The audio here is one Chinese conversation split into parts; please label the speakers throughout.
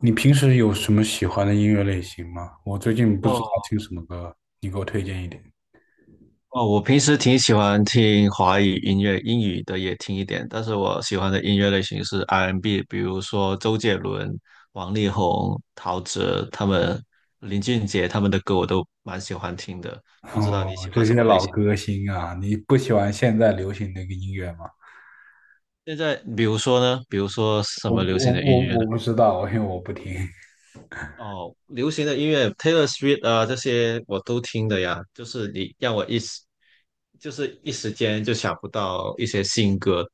Speaker 1: 你平时有什么喜欢的音乐类型吗？我最近不知道
Speaker 2: 哦
Speaker 1: 听什么歌，你给我推荐一点。
Speaker 2: 哦，我平时挺喜欢听华语音乐，英语的也听一点，但是我喜欢的音乐类型是 R&B，比如说周杰伦、王力宏、陶喆他们、林俊杰他们的歌我都蛮喜欢听的。不知道你
Speaker 1: 哦，
Speaker 2: 喜
Speaker 1: 这
Speaker 2: 欢
Speaker 1: 些
Speaker 2: 什么类
Speaker 1: 老
Speaker 2: 型？
Speaker 1: 歌星啊，你不喜欢现在流行那个音乐吗？
Speaker 2: 现在比如说呢？比如说什
Speaker 1: 我
Speaker 2: 么流
Speaker 1: 我
Speaker 2: 行的
Speaker 1: 我
Speaker 2: 音乐呢？
Speaker 1: 我不知道，因为我不听。
Speaker 2: 哦，流行的音乐，Taylor Swift 啊，这些我都听的呀。就是你让我一时，就是一时间就想不到一些新歌。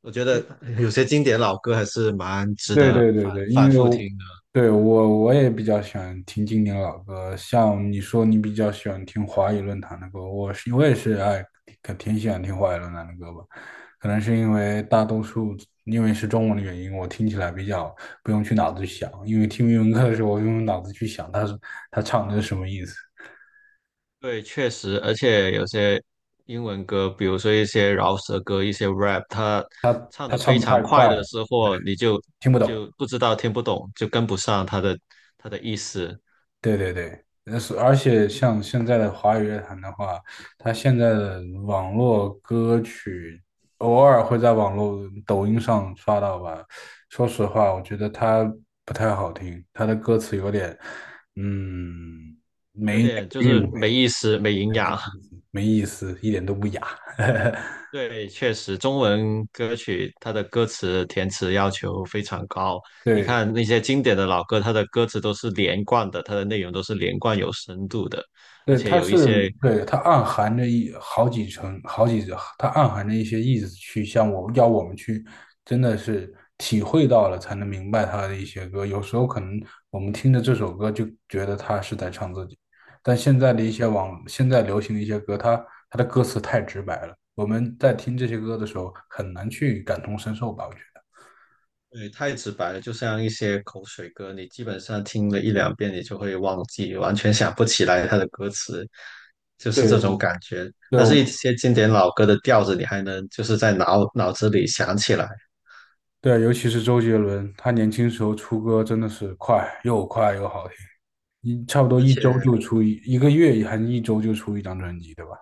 Speaker 2: 我觉得有些经典老歌还是蛮值
Speaker 1: 对
Speaker 2: 得
Speaker 1: 对对
Speaker 2: 反
Speaker 1: 对，
Speaker 2: 反
Speaker 1: 因为
Speaker 2: 复
Speaker 1: 我
Speaker 2: 听的。
Speaker 1: 对，我也比较喜欢听经典老歌，像你说你比较喜欢听华语论坛的歌，我是我也是爱可挺喜欢听华语论坛的歌吧，可能是因为大多数因为是中文的原因，我听起来比较不用去脑子去想，因为听英文歌的时候，我用脑子去想他是他唱的是什么意思，
Speaker 2: 对，确实，而且有些英文歌，比如说一些饶舌歌、一些 rap，他唱
Speaker 1: 他
Speaker 2: 的非
Speaker 1: 唱的
Speaker 2: 常
Speaker 1: 太
Speaker 2: 快
Speaker 1: 快
Speaker 2: 的
Speaker 1: 了，
Speaker 2: 时候，你就
Speaker 1: 听不懂。
Speaker 2: 就不知道听不懂，就跟不上他的意思，
Speaker 1: 对对对，是而且像现在的华语乐坛的话，它现在的网络歌曲偶尔会在网络抖音上刷到吧。说实话，我觉得它不太好听，它的歌词有点，嗯，
Speaker 2: 有点就
Speaker 1: 韵
Speaker 2: 是
Speaker 1: 味
Speaker 2: 没意思、没营养。
Speaker 1: 没意思，一点都不雅。
Speaker 2: 对，确实，中文歌曲它的歌词填词要求非常高。你
Speaker 1: 对，
Speaker 2: 看那些经典的老歌，它的歌词都是连贯的，它的内容都是连贯有深度的，而
Speaker 1: 对，
Speaker 2: 且
Speaker 1: 它
Speaker 2: 有
Speaker 1: 是
Speaker 2: 一些
Speaker 1: 对它暗含着一好几层好几，它暗含着一些意思去向我要我们去，真的是体会到了才能明白它的一些歌。有时候可能我们听着这首歌就觉得他是在唱自己，但现在的一些网现在流行的一些歌，它的歌词太直白了，我们在听这些歌的时候很难去感同身受吧，我觉得。
Speaker 2: 对太直白了，就像一些口水歌，你基本上听了一两遍，你就会忘记，完全想不起来它的歌词，就是
Speaker 1: 对，
Speaker 2: 这种
Speaker 1: 我，
Speaker 2: 感觉。
Speaker 1: 对，
Speaker 2: 但
Speaker 1: 我，
Speaker 2: 是，一些经典老歌的调子，你还能就是在脑子里想起来。
Speaker 1: 对，尤其是周杰伦，他年轻时候出歌真的是快又快又好听。一差不多
Speaker 2: 而
Speaker 1: 一
Speaker 2: 且。
Speaker 1: 周就出一个月，还是一周就出一张专辑，对吧？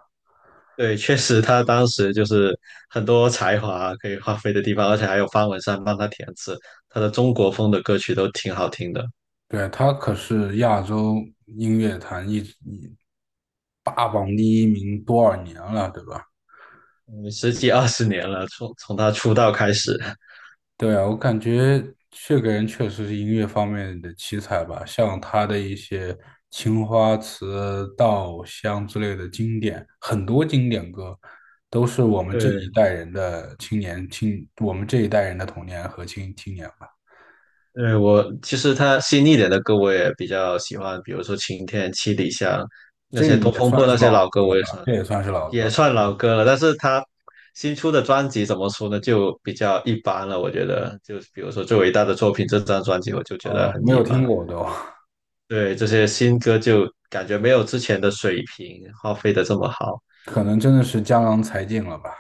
Speaker 2: 对，确实他当时就是很多才华可以发挥的地方，而且还有方文山帮他填词，他的中国风的歌曲都挺好听的。
Speaker 1: 对，他可是亚洲音乐坛一直霸榜第一名多少年了，对吧？
Speaker 2: 嗯，十几二十年了，从他出道开始。
Speaker 1: 对啊，我感觉这个人确实是音乐方面的奇才吧，像他的一些《青花瓷》《稻香》之类的经典，很多经典歌都是我们这
Speaker 2: 对，
Speaker 1: 一代人的青年青，我们这一代人的童年和青年。
Speaker 2: 对，我其实他新一点的歌我也比较喜欢，比如说《晴天》《七里香》那
Speaker 1: 这
Speaker 2: 些《东
Speaker 1: 也
Speaker 2: 风
Speaker 1: 算
Speaker 2: 破》
Speaker 1: 是
Speaker 2: 那些
Speaker 1: 老
Speaker 2: 老歌，
Speaker 1: 歌了
Speaker 2: 我
Speaker 1: 吧？
Speaker 2: 也算
Speaker 1: 这也算是老
Speaker 2: 也
Speaker 1: 歌。
Speaker 2: 算老歌了。但是他新出的专辑怎么说呢，就比较一般了，我觉得。就比如说最伟大的作品这张专辑，我就觉得很
Speaker 1: 没
Speaker 2: 一
Speaker 1: 有听
Speaker 2: 般。
Speaker 1: 过都，
Speaker 2: 对，这些新歌就感觉没有之前的水平发挥的这么好，
Speaker 1: 可能真的是江郎才尽了吧？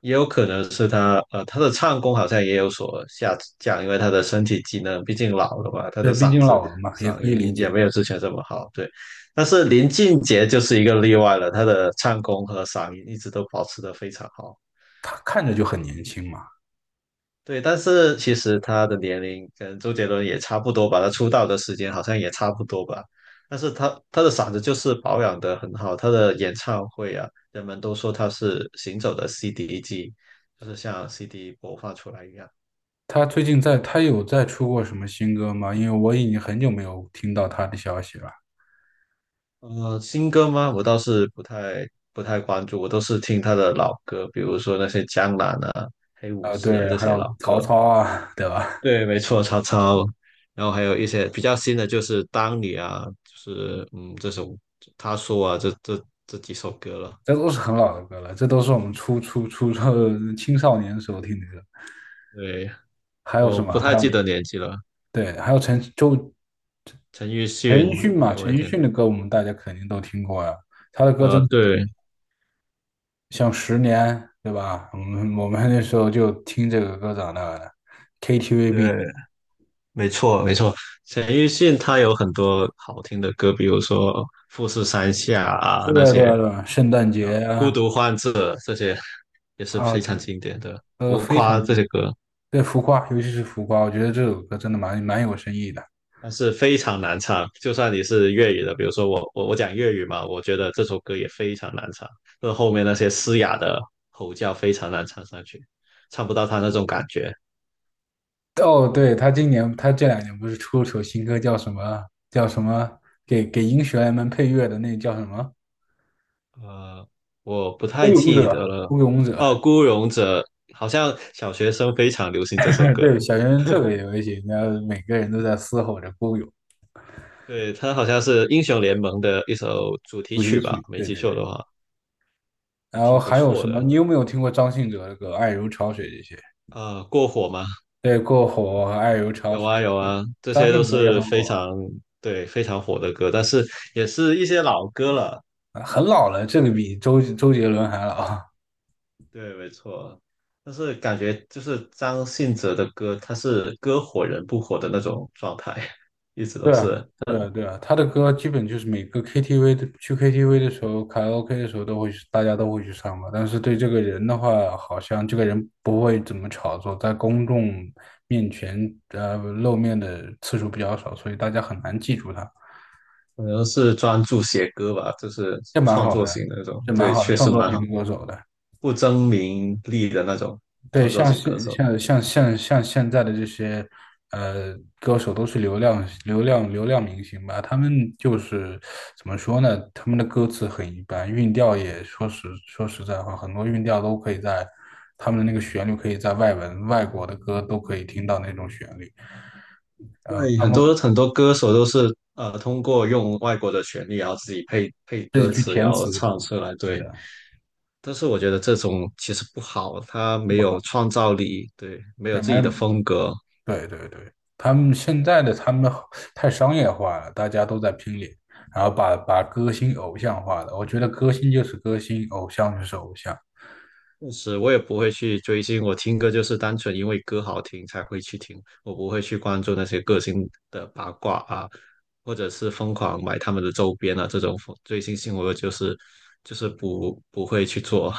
Speaker 2: 也有可能是他的唱功好像也有所下降，因为他的身体机能毕竟老了嘛，他
Speaker 1: 对，
Speaker 2: 的
Speaker 1: 毕
Speaker 2: 嗓
Speaker 1: 竟
Speaker 2: 子
Speaker 1: 老了嘛，也
Speaker 2: 嗓
Speaker 1: 可以
Speaker 2: 音
Speaker 1: 理
Speaker 2: 也
Speaker 1: 解。
Speaker 2: 没有之前这么好。对，但是林俊杰就是一个例外了，他的唱功和嗓音一直都保持的非常好。
Speaker 1: 他看着就很年轻嘛。
Speaker 2: 对，但是其实他的年龄跟周杰伦也差不多吧，他出道的时间好像也差不多吧。但是他的嗓子就是保养得很好，他的演唱会啊，人们都说他是行走的 CD 机，就是像 CD 播放出来一样。
Speaker 1: 他最近在，他有在出过什么新歌吗？因为我已经很久没有听到他的消息了。
Speaker 2: 呃，新歌吗？我倒是不太关注，我都是听他的老歌，比如说那些《江南》啊、《黑武士》啊
Speaker 1: 对，
Speaker 2: 这
Speaker 1: 还
Speaker 2: 些老
Speaker 1: 有曹
Speaker 2: 歌。
Speaker 1: 操啊，对吧？
Speaker 2: 对，没错，曹操。然后还有一些比较新的，就是《当你》啊，就是嗯，这首他说啊，这几首歌了。
Speaker 1: 这都是很老的歌了，这都是我们初初初初青少年时候听的歌。
Speaker 2: 对，
Speaker 1: 还有
Speaker 2: 我
Speaker 1: 什
Speaker 2: 不
Speaker 1: 么？
Speaker 2: 太
Speaker 1: 还有
Speaker 2: 记得年纪了。
Speaker 1: 对，还有
Speaker 2: 陈奕
Speaker 1: 陈奕
Speaker 2: 迅
Speaker 1: 迅嘛，
Speaker 2: 也
Speaker 1: 陈
Speaker 2: 会
Speaker 1: 奕
Speaker 2: 听，
Speaker 1: 迅的歌我们大家肯定都听过呀、他的歌真的。
Speaker 2: 对
Speaker 1: 像十年，对吧？我们那时候就听这个歌长大的。
Speaker 2: 对，没错没错。陈奕迅他有很多好听的歌，比如说《富士山下》啊
Speaker 1: 对
Speaker 2: 那
Speaker 1: 啊，对
Speaker 2: 些
Speaker 1: 啊，对啊，圣诞
Speaker 2: 啊，
Speaker 1: 节
Speaker 2: 《孤
Speaker 1: 啊，
Speaker 2: 独患者》这些也是
Speaker 1: 啊，
Speaker 2: 非常
Speaker 1: 对，
Speaker 2: 经典的，
Speaker 1: 都
Speaker 2: 《浮
Speaker 1: 非
Speaker 2: 夸》
Speaker 1: 常经
Speaker 2: 这些
Speaker 1: 典。
Speaker 2: 歌。
Speaker 1: 对浮夸，尤其是浮夸，我觉得这首歌真的蛮有深意的。
Speaker 2: 但是非常难唱。就算你是粤语的，比如说我讲粤语嘛，我觉得这首歌也非常难唱，就是后面那些嘶哑的吼叫非常难唱上去，唱不到他那种感觉。
Speaker 1: 哦，对，他今年他这2年不是出了首新歌，叫什么？叫什么？给英雄们配乐的那叫什么？
Speaker 2: 呃，我不太
Speaker 1: 孤勇
Speaker 2: 记得
Speaker 1: 者，
Speaker 2: 了。
Speaker 1: 孤勇
Speaker 2: 哦，
Speaker 1: 者。
Speaker 2: 《孤勇者》好像小学生非常流行这首 歌，
Speaker 1: 对，小学生特别流行，然后每个人都在嘶吼着孤勇
Speaker 2: 对，它好像是英雄联盟的一首主题
Speaker 1: 主题
Speaker 2: 曲吧，
Speaker 1: 曲。
Speaker 2: 没
Speaker 1: 对
Speaker 2: 记
Speaker 1: 对
Speaker 2: 错
Speaker 1: 对。
Speaker 2: 的话，还
Speaker 1: 然后
Speaker 2: 挺不
Speaker 1: 还有
Speaker 2: 错
Speaker 1: 什么？
Speaker 2: 的。
Speaker 1: 你有没有听过张信哲的歌《爱如潮水》这些？
Speaker 2: 过火吗？
Speaker 1: 对，过火和爱如潮
Speaker 2: 有
Speaker 1: 水，
Speaker 2: 啊有啊，这
Speaker 1: 张
Speaker 2: 些都
Speaker 1: 信哲也
Speaker 2: 是
Speaker 1: 很
Speaker 2: 非
Speaker 1: 火
Speaker 2: 常对非常火的歌，但是也是一些老歌了。
Speaker 1: 啊，很老了，这个比周杰伦还老。
Speaker 2: 对，没错。但是感觉就是张信哲的歌，他是歌火人不火的那种状态，一直 都
Speaker 1: 对啊，
Speaker 2: 是，
Speaker 1: 对啊，对啊，他的歌基本就是每个 KTV 的去 KTV 的时候，卡拉 OK 的时候都会去，大家都会去唱吧。但是对这个人的话，好像这个人不会怎么炒作，在公众面前露面的次数比较少，所以大家很难记住他。
Speaker 2: 可能是专注写歌吧，就是
Speaker 1: 这蛮
Speaker 2: 创
Speaker 1: 好
Speaker 2: 作
Speaker 1: 的，
Speaker 2: 型的那种。
Speaker 1: 这蛮
Speaker 2: 对，
Speaker 1: 好的，
Speaker 2: 确
Speaker 1: 创
Speaker 2: 实
Speaker 1: 作
Speaker 2: 蛮好，
Speaker 1: 型歌手的。
Speaker 2: 不争名利的那种
Speaker 1: 对，
Speaker 2: 创作
Speaker 1: 像
Speaker 2: 型歌
Speaker 1: 现
Speaker 2: 手。
Speaker 1: 像像像像现在的这些呃歌手都是流量明星吧，他们就是怎么说呢？他们的歌词很一般，韵调也说实在话，很多韵调都可以在他们的那个旋律可以在外文外国的歌都可以听到那种旋律，
Speaker 2: 对，
Speaker 1: 他
Speaker 2: 很
Speaker 1: 们
Speaker 2: 多很多歌手都是通过用外国的旋律，然后自己配
Speaker 1: 自己
Speaker 2: 歌
Speaker 1: 去
Speaker 2: 词，然
Speaker 1: 填
Speaker 2: 后
Speaker 1: 词，
Speaker 2: 唱出来。
Speaker 1: 对
Speaker 2: 对，
Speaker 1: 的，
Speaker 2: 但是我觉得这种其实不好，他没
Speaker 1: 不
Speaker 2: 有
Speaker 1: 好，
Speaker 2: 创造力，对，没有
Speaker 1: 对，麦
Speaker 2: 自己的
Speaker 1: 有
Speaker 2: 风格。
Speaker 1: 对对对，他们现在的他们好太商业化了，大家都在拼脸，然后把把歌星偶像化了。我觉得歌星就是歌星，偶像就是偶像。
Speaker 2: 确实，我也不会去追星，我听歌就是单纯因为歌好听才会去听，我不会去关注那些歌星的八卦啊，或者是疯狂买他们的周边啊，这种追星行为我就是不会去做。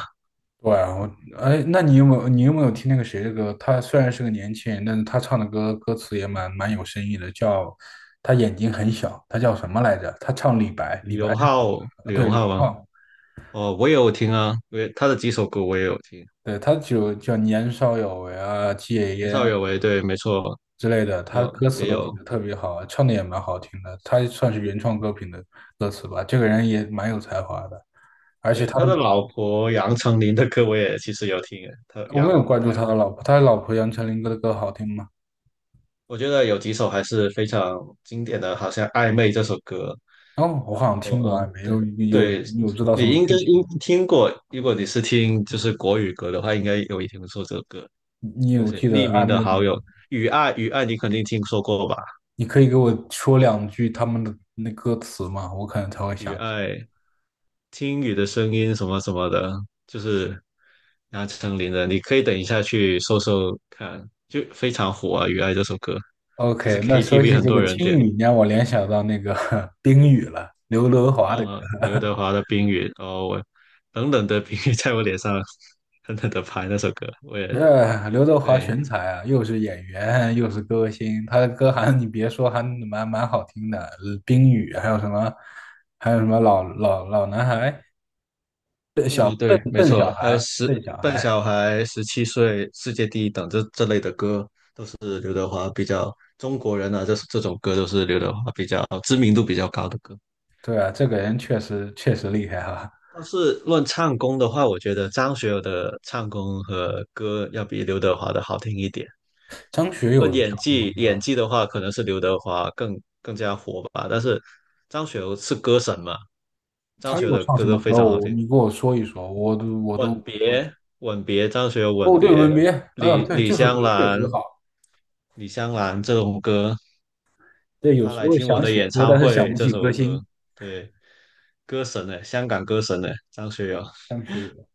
Speaker 1: 对啊，我哎，那你有没有听那个谁的歌？他虽然是个年轻人，但是他唱的歌歌词也蛮有深意的，叫他眼睛很小，他叫什么来着？他唱李白，
Speaker 2: 李
Speaker 1: 李白
Speaker 2: 荣浩，
Speaker 1: 是
Speaker 2: 李
Speaker 1: 对
Speaker 2: 荣
Speaker 1: 吕
Speaker 2: 浩吗？
Speaker 1: 方，
Speaker 2: 哦，我也有听啊，因为他的几首歌我也有听。
Speaker 1: 对他就叫年少有为啊，戒
Speaker 2: 年
Speaker 1: 烟
Speaker 2: 少有为，对，没错，
Speaker 1: 之类的，他
Speaker 2: 有
Speaker 1: 歌词
Speaker 2: 也
Speaker 1: 都写
Speaker 2: 有。
Speaker 1: 的特别好啊，唱的也蛮好听的，他算是原创歌品的歌词吧。这个人也蛮有才华的，而且
Speaker 2: 对，
Speaker 1: 他
Speaker 2: 他
Speaker 1: 的
Speaker 2: 的老婆杨丞琳的歌我也其实有听诶，他
Speaker 1: 我没
Speaker 2: 杨
Speaker 1: 有
Speaker 2: 望
Speaker 1: 关注
Speaker 2: 台
Speaker 1: 他
Speaker 2: 哦，
Speaker 1: 的老婆，他的老婆杨丞琳歌的歌好听吗？
Speaker 2: 我觉得有几首还是非常经典的，好像《暧昧》这首歌，
Speaker 1: 哦，我好像听
Speaker 2: 哦
Speaker 1: 过暧
Speaker 2: 嗯，
Speaker 1: 昧，
Speaker 2: 对
Speaker 1: 有，有
Speaker 2: 对，
Speaker 1: 有知道什
Speaker 2: 你
Speaker 1: 么
Speaker 2: 应该
Speaker 1: 具体？
Speaker 2: 应听过，如果你是听就是国语歌的话，应该有听说这首歌，
Speaker 1: 你
Speaker 2: 就
Speaker 1: 有
Speaker 2: 是
Speaker 1: 记
Speaker 2: 匿
Speaker 1: 得暧
Speaker 2: 名的
Speaker 1: 昧里
Speaker 2: 好友，
Speaker 1: 面，
Speaker 2: 雨爱雨爱，你肯定听说过吧？
Speaker 1: 你可以给我说两句他们的那歌词吗？我可能才会想
Speaker 2: 雨
Speaker 1: 起来。
Speaker 2: 爱听雨的声音什么什么的，就是杨丞琳的，你可以等一下去搜搜看，就非常火啊，《雨爱》这首歌，就是
Speaker 1: OK，那说
Speaker 2: KTV
Speaker 1: 起
Speaker 2: 很
Speaker 1: 这
Speaker 2: 多
Speaker 1: 个
Speaker 2: 人
Speaker 1: 听
Speaker 2: 点，
Speaker 1: 雨，你让我联想到那个 冰雨了，刘德华的。
Speaker 2: 哦，刘德华的《冰雨》，哦，我冷冷的冰雨在我脸上狠狠的拍那首歌，我也
Speaker 1: 这刘德华
Speaker 2: 对，
Speaker 1: 全才啊，又是演员，又是歌星，他的歌还你别说，还蛮好听的。冰雨，还有什么，还有什么老男孩，
Speaker 2: 嗯，对，
Speaker 1: 笨
Speaker 2: 没
Speaker 1: 笨
Speaker 2: 错，
Speaker 1: 小
Speaker 2: 还有
Speaker 1: 孩，笨小
Speaker 2: 笨
Speaker 1: 孩。
Speaker 2: 小孩、十七岁、世界第一等这类的歌，中国人啊，这种歌都是刘德华比较知名度比较高的歌。
Speaker 1: 对啊，这个人确实厉害哈、
Speaker 2: 但是论唱功的话，我觉得张学友的唱功和歌要比刘德华的好听一点。
Speaker 1: 张学友
Speaker 2: 论
Speaker 1: 有
Speaker 2: 演
Speaker 1: 唱什么
Speaker 2: 技，演
Speaker 1: 歌？
Speaker 2: 技的话，可能是刘德华更加火吧。但是张学友是歌神嘛，张
Speaker 1: 他
Speaker 2: 学友
Speaker 1: 有
Speaker 2: 的
Speaker 1: 唱
Speaker 2: 歌
Speaker 1: 什
Speaker 2: 都
Speaker 1: 么
Speaker 2: 非
Speaker 1: 歌？
Speaker 2: 常好
Speaker 1: 我
Speaker 2: 听。
Speaker 1: 你给我说一说，我都
Speaker 2: 吻别，吻别，张学友吻
Speaker 1: 哦，对，
Speaker 2: 别，
Speaker 1: 吻别，呃，对，
Speaker 2: 李
Speaker 1: 这首歌
Speaker 2: 香
Speaker 1: 确实
Speaker 2: 兰，
Speaker 1: 好。
Speaker 2: 李香兰这种歌，
Speaker 1: 对，有
Speaker 2: 他
Speaker 1: 时
Speaker 2: 来
Speaker 1: 候
Speaker 2: 听我
Speaker 1: 想
Speaker 2: 的
Speaker 1: 起
Speaker 2: 演
Speaker 1: 歌，
Speaker 2: 唱
Speaker 1: 但是想
Speaker 2: 会
Speaker 1: 不
Speaker 2: 这
Speaker 1: 起
Speaker 2: 首
Speaker 1: 歌
Speaker 2: 歌，
Speaker 1: 星。
Speaker 2: 对，歌神呢，香港歌神呢，张学友，
Speaker 1: 张学友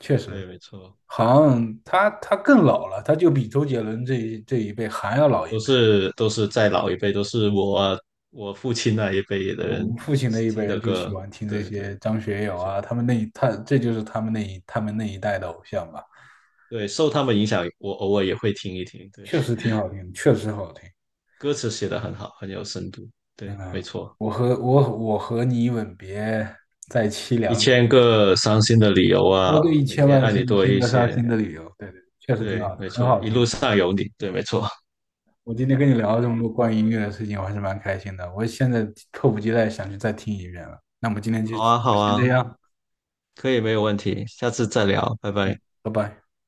Speaker 1: 确实。
Speaker 2: 对，没错。
Speaker 1: 好像他更老了，他就比周杰伦这一辈还要老一
Speaker 2: 都
Speaker 1: 辈。
Speaker 2: 是都是再老一辈，都是我父亲那一辈的
Speaker 1: 我
Speaker 2: 人
Speaker 1: 们父亲那一辈
Speaker 2: 听
Speaker 1: 人
Speaker 2: 的
Speaker 1: 就喜
Speaker 2: 歌，
Speaker 1: 欢听这
Speaker 2: 对
Speaker 1: 些
Speaker 2: 对，
Speaker 1: 张学
Speaker 2: 没
Speaker 1: 友
Speaker 2: 错，
Speaker 1: 啊，他们那一他这就是他们那一他们那一代的偶像吧，
Speaker 2: 对，受他们影响，我偶尔也会听一听，对，
Speaker 1: 确实挺好听，确实好听。
Speaker 2: 歌词写得很好，很有深度，对，没
Speaker 1: 嗯，
Speaker 2: 错，
Speaker 1: 我和我我和你吻别在凄
Speaker 2: 一
Speaker 1: 凉内，
Speaker 2: 千个伤心的理由啊，
Speaker 1: 哦对，一
Speaker 2: 每
Speaker 1: 千
Speaker 2: 天
Speaker 1: 万
Speaker 2: 爱
Speaker 1: 是
Speaker 2: 你
Speaker 1: 一
Speaker 2: 多
Speaker 1: 千
Speaker 2: 一
Speaker 1: 个伤
Speaker 2: 些，
Speaker 1: 心的理由，对对，确实挺
Speaker 2: 对，
Speaker 1: 好的，
Speaker 2: 没
Speaker 1: 很
Speaker 2: 错，
Speaker 1: 好
Speaker 2: 一
Speaker 1: 听
Speaker 2: 路
Speaker 1: 的。
Speaker 2: 上有你，对，没错，
Speaker 1: 我今天跟你聊了这么多关于音乐的事情，我还是蛮开心的。我现在迫不及待想去再听一遍了。那我们今 天就
Speaker 2: 好
Speaker 1: 就
Speaker 2: 啊，好
Speaker 1: 先
Speaker 2: 啊，
Speaker 1: 这样，
Speaker 2: 可以，没有问题，下次再聊，拜拜。
Speaker 1: 拜拜。